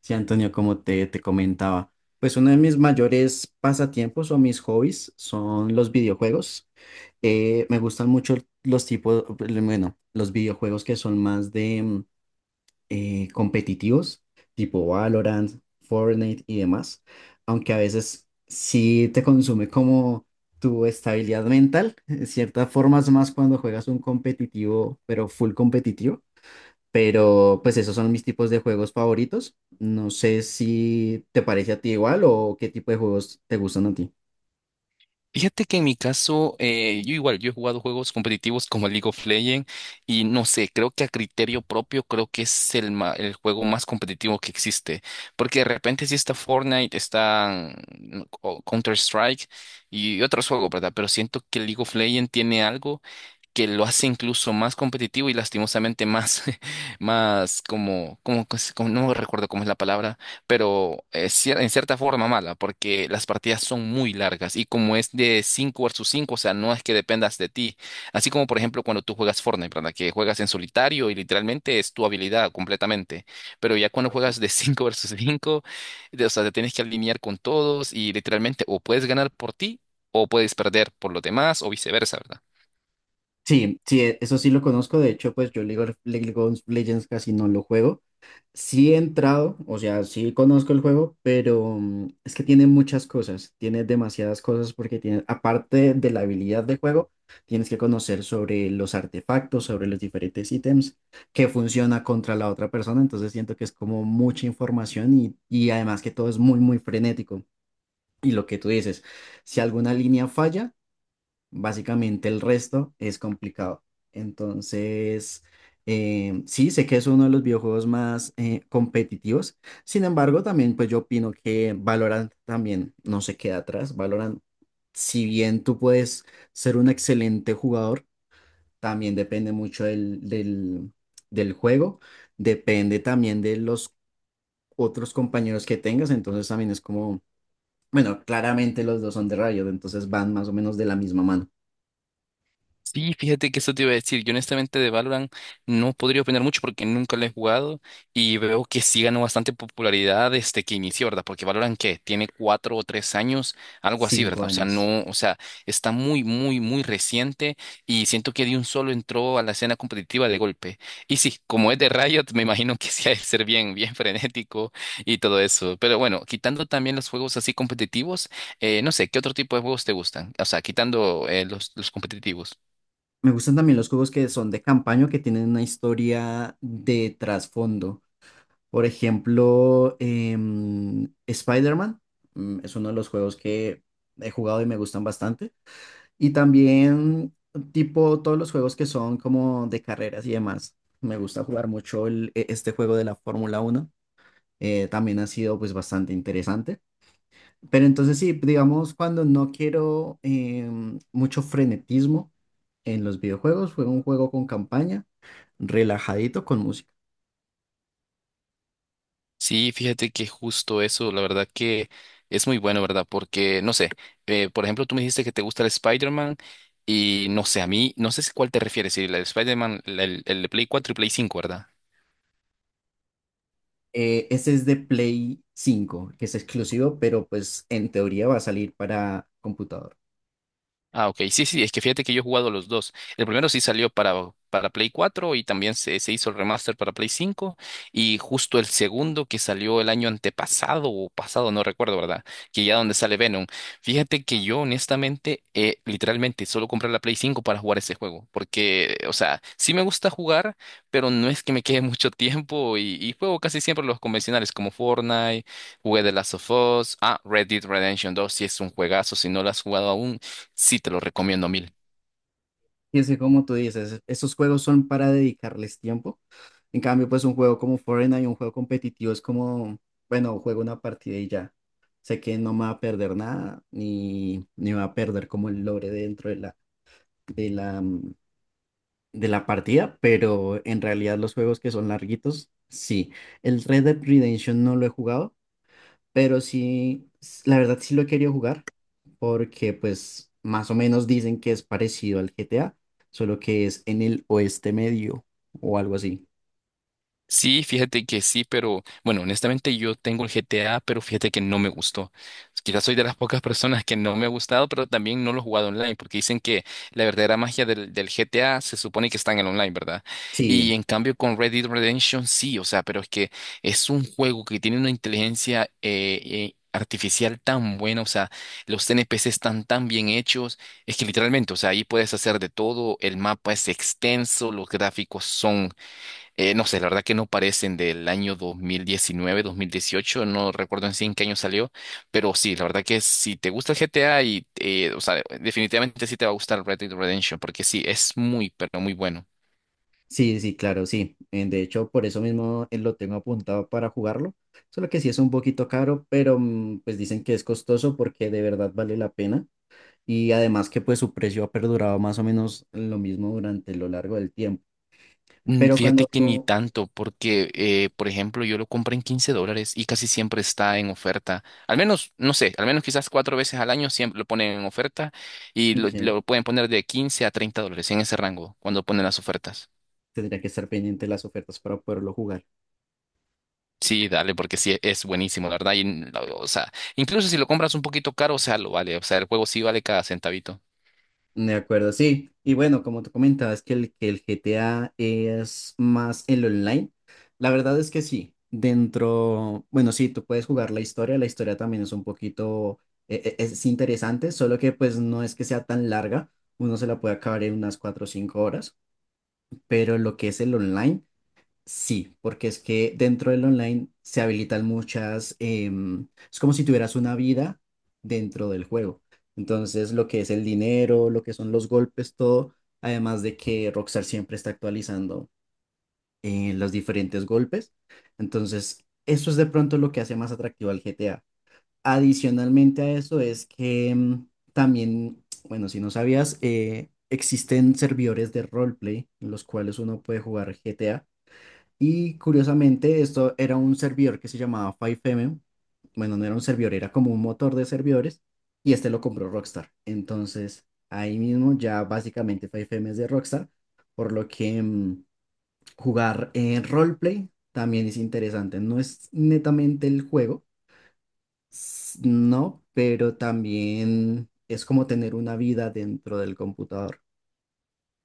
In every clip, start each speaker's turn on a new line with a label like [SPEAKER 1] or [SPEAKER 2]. [SPEAKER 1] Sí, Antonio, como te comentaba, pues uno de mis mayores pasatiempos o mis hobbies son los videojuegos. Me gustan mucho los tipos, bueno, los videojuegos que son más de competitivos, tipo Valorant, Fortnite y demás, aunque a veces sí te consume como tu estabilidad mental, en cierta forma es más cuando juegas un competitivo, pero full competitivo. Pero pues esos son mis tipos de juegos favoritos. No sé si te parece a ti igual o qué tipo de juegos te gustan a ti.
[SPEAKER 2] Fíjate que en mi caso, yo igual, yo he jugado juegos competitivos como League of Legends y no sé, creo que a criterio propio creo que es el juego más competitivo que existe, porque de repente sí está Fortnite, está Counter-Strike y otros juegos, ¿verdad? Pero siento que League of Legends tiene algo que lo hace incluso más competitivo y lastimosamente más, más como, no recuerdo cómo es la palabra, pero en cierta forma mala, porque las partidas son muy largas y como es de 5 versus cinco, o sea, no es que dependas de ti. Así como, por ejemplo, cuando tú juegas Fortnite, ¿verdad? Que juegas en solitario y literalmente es tu habilidad completamente, pero ya cuando
[SPEAKER 1] Correcto.
[SPEAKER 2] juegas de 5 versus cinco, o sea, te tienes que alinear con todos y literalmente o puedes ganar por ti o puedes perder por los demás o viceversa.
[SPEAKER 1] Sí, sí, eso sí lo conozco. De hecho, pues yo League of Legends casi no lo juego. Sí he entrado, o sea, sí conozco el juego, pero es que tiene muchas cosas, tiene demasiadas cosas porque tiene, aparte de la habilidad del juego, tienes que conocer sobre los artefactos, sobre los diferentes ítems, que funciona contra la otra persona, entonces siento que es como mucha información y, además que todo es muy, muy frenético. Y lo que tú dices, si alguna línea falla, básicamente el resto es complicado. Entonces, sí, sé que es uno de los videojuegos más competitivos. Sin embargo, también pues yo opino que Valorant también no se queda atrás. Valorant, si bien tú puedes ser un excelente jugador, también depende mucho del juego. Depende también de los otros compañeros que tengas. Entonces también es como, bueno, claramente los dos son de Riot, entonces van más o menos de la misma mano.
[SPEAKER 2] Sí, fíjate que eso te iba a decir. Yo honestamente de Valorant no podría opinar mucho porque nunca lo he jugado y veo que sí ganó bastante popularidad desde que inició, ¿verdad? Porque Valorant que tiene 4 o 3 años, algo así, ¿verdad?
[SPEAKER 1] Cinco
[SPEAKER 2] O sea,
[SPEAKER 1] años.
[SPEAKER 2] no, o sea, está muy, muy, muy reciente y siento que de un solo entró a la escena competitiva de golpe. Y sí, como es de Riot, me imagino que sí ha de ser bien, bien frenético y todo eso. Pero bueno, quitando también los juegos así competitivos, no sé, ¿qué otro tipo de juegos te gustan? O sea, quitando los competitivos.
[SPEAKER 1] Me gustan también los juegos que son de campaña, que tienen una historia de trasfondo. Por ejemplo, Spider-Man, es uno de los juegos que he jugado y me gustan bastante. Y también, tipo, todos los juegos que son como de carreras y demás. Me gusta jugar mucho este juego de la Fórmula Uno. También ha sido pues bastante interesante. Pero entonces sí, digamos, cuando no quiero mucho frenetismo en los videojuegos, juego un juego con campaña, relajadito con música.
[SPEAKER 2] Sí, fíjate que justo eso, la verdad que es muy bueno, ¿verdad? Porque, no sé, por ejemplo, tú me dijiste que te gusta el Spider-Man y no sé, a mí, no sé si cuál te refieres, si el Spider-Man, el de Play 4 y Play 5, ¿verdad?
[SPEAKER 1] Ese es de Play cinco que es exclusivo, pero pues en teoría va a salir para computador.
[SPEAKER 2] Ah, ok. Sí, sí, es que fíjate que yo he jugado los dos. El primero sí salió para Play 4, y también se hizo el remaster para Play 5. Y justo el segundo que salió el año antepasado o pasado, no recuerdo, ¿verdad? Que ya donde sale Venom. Fíjate que yo honestamente, literalmente, solo compré la Play 5 para jugar ese juego. Porque, o sea, sí me gusta jugar, pero no es que me quede mucho tiempo, y juego casi siempre los convencionales como Fortnite, jugué The Last of Us. Ah, Red Dead Redemption 2 sí es un juegazo, si no lo has jugado aún. Sí, te lo recomiendo a mil.
[SPEAKER 1] Y es que como tú dices, esos juegos son para dedicarles tiempo. En cambio, pues un juego como Fortnite, un juego competitivo es como, bueno, juego una partida y ya. Sé que no me va a perder nada, ni va a perder como el lore dentro de la, de la partida, pero en realidad los juegos que son larguitos, sí. El Red Dead Redemption no lo he jugado, pero sí, la verdad sí lo he querido jugar, porque pues más o menos dicen que es parecido al GTA, solo que es en el oeste medio o algo así.
[SPEAKER 2] Sí, fíjate que sí, pero bueno, honestamente yo tengo el GTA, pero fíjate que no me gustó. Quizás soy de las pocas personas que no me ha gustado, pero también no lo he jugado online, porque dicen que la verdadera magia del GTA se supone que está en el online, ¿verdad? Y
[SPEAKER 1] Sí,
[SPEAKER 2] en cambio con Red Dead Redemption sí, o sea, pero es que es un juego que tiene una inteligencia artificial tan buena, o sea, los NPC están tan bien hechos. Es que literalmente, o sea, ahí puedes hacer de todo, el mapa es extenso, los gráficos son. No sé, la verdad que no parecen del año 2019, 2018, no recuerdo en sí en qué año salió, pero sí, la verdad que si te gusta el GTA y, o sea, definitivamente sí te va a gustar Red Dead Redemption, porque sí, es muy, pero muy bueno.
[SPEAKER 1] sí, sí, claro, sí. De hecho, por eso mismo lo tengo apuntado para jugarlo. Solo que sí es un poquito caro, pero pues dicen que es costoso porque de verdad vale la pena. Y además que pues su precio ha perdurado más o menos lo mismo durante lo largo del tiempo. Pero
[SPEAKER 2] Fíjate
[SPEAKER 1] cuando
[SPEAKER 2] que ni
[SPEAKER 1] tú,
[SPEAKER 2] tanto, porque, por ejemplo, yo lo compré en $15 y casi siempre está en oferta. Al menos, no sé, al menos quizás cuatro veces al año siempre lo ponen en oferta, y lo,
[SPEAKER 1] ok,
[SPEAKER 2] lo pueden poner de 15 a $30 en ese rango cuando ponen las ofertas.
[SPEAKER 1] tendría que estar pendiente de las ofertas para poderlo jugar.
[SPEAKER 2] Sí, dale, porque sí es buenísimo, la verdad. Y, o sea, incluso si lo compras un poquito caro, o sea, lo vale. O sea, el juego sí vale cada centavito.
[SPEAKER 1] De acuerdo, sí. Y bueno, como tú comentabas que el GTA es más el online, la verdad es que sí. Dentro, bueno, sí, tú puedes jugar la historia también es un poquito, es interesante, solo que pues no es que sea tan larga, uno se la puede acabar en unas 4 o 5 horas, pero lo que es el online. Sí, porque es que dentro del online se habilitan muchas, es como si tuvieras una vida dentro del juego. Entonces, lo que es el dinero, lo que son los golpes, todo, además de que Rockstar siempre está actualizando los diferentes golpes. Entonces, eso es de pronto lo que hace más atractivo al GTA. Adicionalmente a eso es que también, bueno, si no sabías, existen servidores de roleplay en los cuales uno puede jugar GTA y curiosamente, esto era un servidor que se llamaba FiveM. Bueno, no era un servidor, era como un motor de servidores. Y este lo compró Rockstar. Entonces, ahí mismo ya básicamente FiveM es de Rockstar. Por lo que jugar en roleplay también es interesante. No es netamente el juego, s- no, pero también es como tener una vida dentro del computador.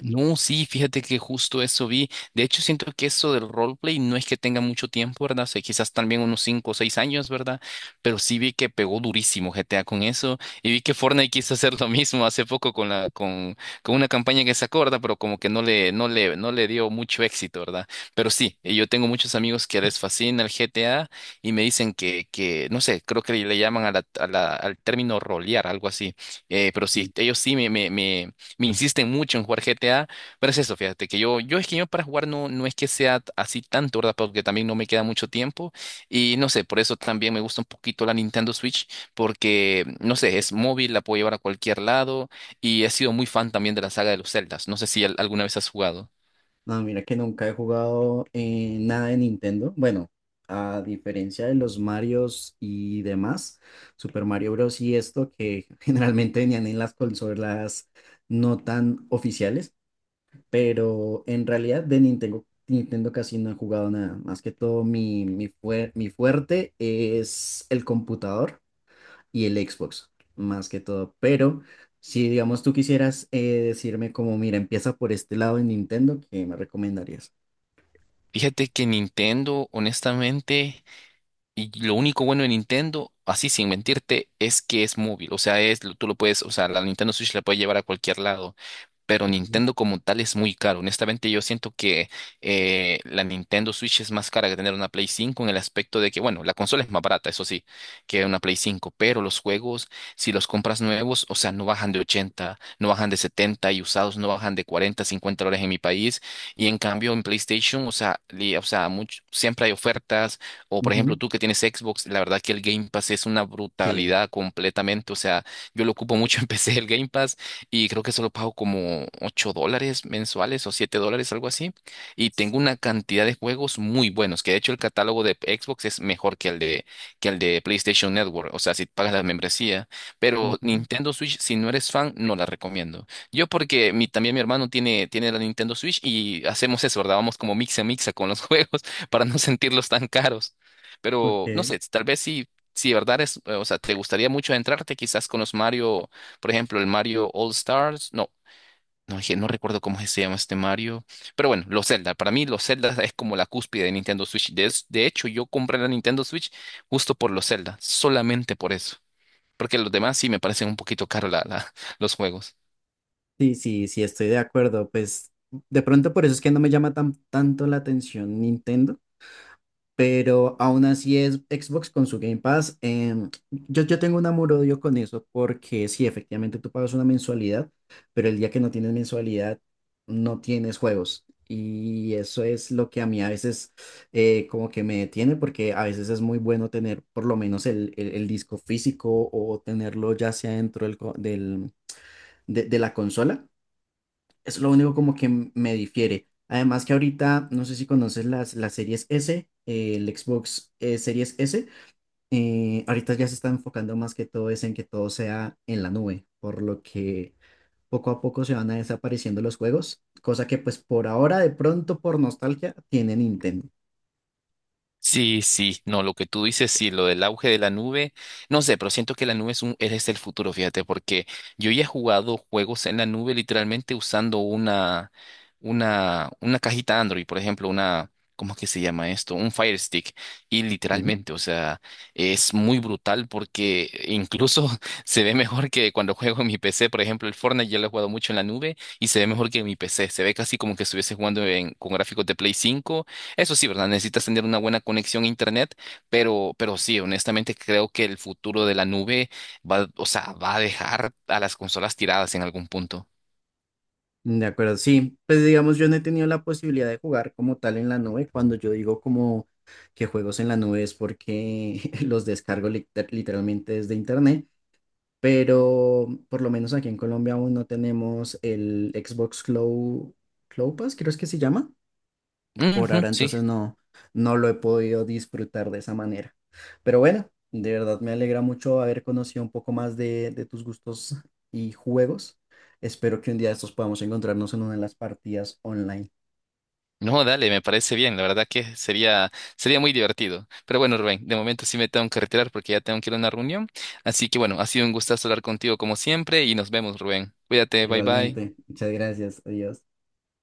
[SPEAKER 2] No, sí, fíjate que justo eso vi. De hecho, siento que eso del roleplay no es que tenga mucho tiempo, ¿verdad? O sea, quizás también unos 5 o 6 años, ¿verdad? Pero sí vi que pegó durísimo GTA con eso. Y vi que Fortnite quiso hacer lo mismo hace poco con la, con una campaña que se acorda, pero como que no le, no le dio mucho éxito, ¿verdad? Pero sí, yo tengo muchos amigos que les fascina el GTA y me dicen que, no sé, creo que le llaman a la, al término rolear, algo así. Pero sí,
[SPEAKER 1] Sí.
[SPEAKER 2] ellos sí me, me insisten mucho en jugar GTA, pero es eso, fíjate, que yo es que yo para jugar no, no es que sea así tanto, ¿verdad? Porque también no me queda mucho tiempo y no sé, por eso también me gusta un poquito la Nintendo Switch, porque no sé, es móvil, la puedo llevar a cualquier lado y he sido muy fan también de la saga de los Zeldas, no sé si alguna vez has jugado.
[SPEAKER 1] No, mira que nunca he jugado nada de Nintendo. Bueno, a diferencia de los Marios y demás, Super Mario Bros. Y esto que generalmente venían en las consolas no tan oficiales, pero en realidad de Nintendo, Nintendo casi no he jugado nada. Más que todo mi fuerte es el computador y el Xbox, más que todo. Pero... Si digamos tú quisieras decirme como, mira, empieza por este lado en Nintendo, ¿qué me recomendarías?
[SPEAKER 2] Fíjate que Nintendo, honestamente. Y lo único bueno de Nintendo, así sin mentirte, es que es móvil. O sea, tú lo puedes, o sea, la Nintendo Switch la puedes llevar a cualquier lado. Pero
[SPEAKER 1] Ujú.
[SPEAKER 2] Nintendo como tal es muy caro. Honestamente, yo siento que la Nintendo Switch es más cara que tener una Play 5 en el aspecto de que, bueno, la consola es más barata, eso sí, que una Play 5. Pero los juegos, si los compras nuevos, o sea, no bajan de 80, no bajan de 70 y usados no bajan de 40, $50 en mi país. Y en cambio en PlayStation, o sea, o sea, siempre hay ofertas, o por ejemplo,
[SPEAKER 1] Ujú.
[SPEAKER 2] tú que tienes Xbox, la verdad que el Game Pass es una
[SPEAKER 1] Sí.
[SPEAKER 2] brutalidad completamente. O sea, yo lo ocupo mucho en PC el Game Pass y creo que solo pago como $8 mensuales o $7, algo así. Y tengo una cantidad de juegos muy buenos, que de hecho el catálogo de Xbox es mejor que el de PlayStation Network. O sea, si pagas la membresía. Pero
[SPEAKER 1] Ujú.
[SPEAKER 2] Nintendo Switch, si no eres fan, no la recomiendo. Yo porque también mi hermano tiene la Nintendo Switch y hacemos eso, ¿verdad? Vamos como mixa mixa con los juegos para no sentirlos tan caros. Pero no
[SPEAKER 1] Ok.
[SPEAKER 2] sé, tal vez si de verdad es, o sea, te gustaría mucho entrarte quizás con los Mario, por ejemplo, el Mario All Stars. No, no, no recuerdo cómo se llama este Mario. Pero bueno, los Zelda. Para mí los Zelda es como la cúspide de Nintendo Switch. De hecho, yo compré la Nintendo Switch justo por los Zelda, solamente por eso. Porque los demás sí me parecen un poquito caros la, los juegos.
[SPEAKER 1] Sí, sí, sí, estoy de acuerdo. Pues de pronto por eso es que no me llama tanto la atención Nintendo. Pero aún así es Xbox con su Game Pass. Yo tengo un amor-odio con eso porque sí, efectivamente tú pagas una mensualidad, pero el día que no tienes mensualidad no tienes juegos. Y eso es lo que a mí a veces como que me detiene porque a veces es muy bueno tener por lo menos el disco físico o tenerlo ya sea dentro de la consola, es lo único como que me difiere. Además que ahorita, no sé si conoces las series S, el Xbox Series S, ahorita ya se está enfocando más que todo es en que todo sea en la nube, por lo que poco a poco se van a desapareciendo los juegos, cosa que pues por ahora de pronto por nostalgia tiene Nintendo.
[SPEAKER 2] Sí, sí, no, lo que tú dices, sí, lo del auge de la nube, no sé, pero siento que la nube es es el futuro, fíjate, porque yo ya he jugado juegos en la nube literalmente usando una cajita Android, por ejemplo, ¿cómo es que se llama esto? Un Fire Stick, y
[SPEAKER 1] ¿Sí?
[SPEAKER 2] literalmente, o sea, es muy brutal porque incluso se ve mejor que cuando juego en mi PC, por ejemplo, el Fortnite ya lo he jugado mucho en la nube y se ve mejor que en mi PC, se ve casi como que estuviese jugando con gráficos de Play 5, eso sí, ¿verdad? Necesitas tener una buena conexión a internet, pero, sí, honestamente creo que el futuro de la nube va, o sea, va a dejar a las consolas tiradas en algún punto.
[SPEAKER 1] De acuerdo, sí. Pues digamos, yo no he tenido la posibilidad de jugar como tal en la nube. Cuando yo digo como que juegos en la nube es porque los descargo literalmente desde internet, pero por lo menos aquí en Colombia aún no tenemos el Xbox Cloud, Cloud Pass, creo es que se llama. Por
[SPEAKER 2] Ujú,
[SPEAKER 1] ahora
[SPEAKER 2] sí.
[SPEAKER 1] entonces no, no lo he podido disfrutar de esa manera. Pero bueno, de verdad me alegra mucho haber conocido un poco más de tus gustos y juegos. Espero que un día de estos podamos encontrarnos en una de las partidas online.
[SPEAKER 2] No, dale, me parece bien. La verdad que sería muy divertido. Pero bueno, Rubén, de momento sí me tengo que retirar porque ya tengo que ir a una reunión. Así que bueno, ha sido un gustazo hablar contigo como siempre y nos vemos, Rubén. Cuídate, bye bye.
[SPEAKER 1] Igualmente, muchas gracias. Adiós.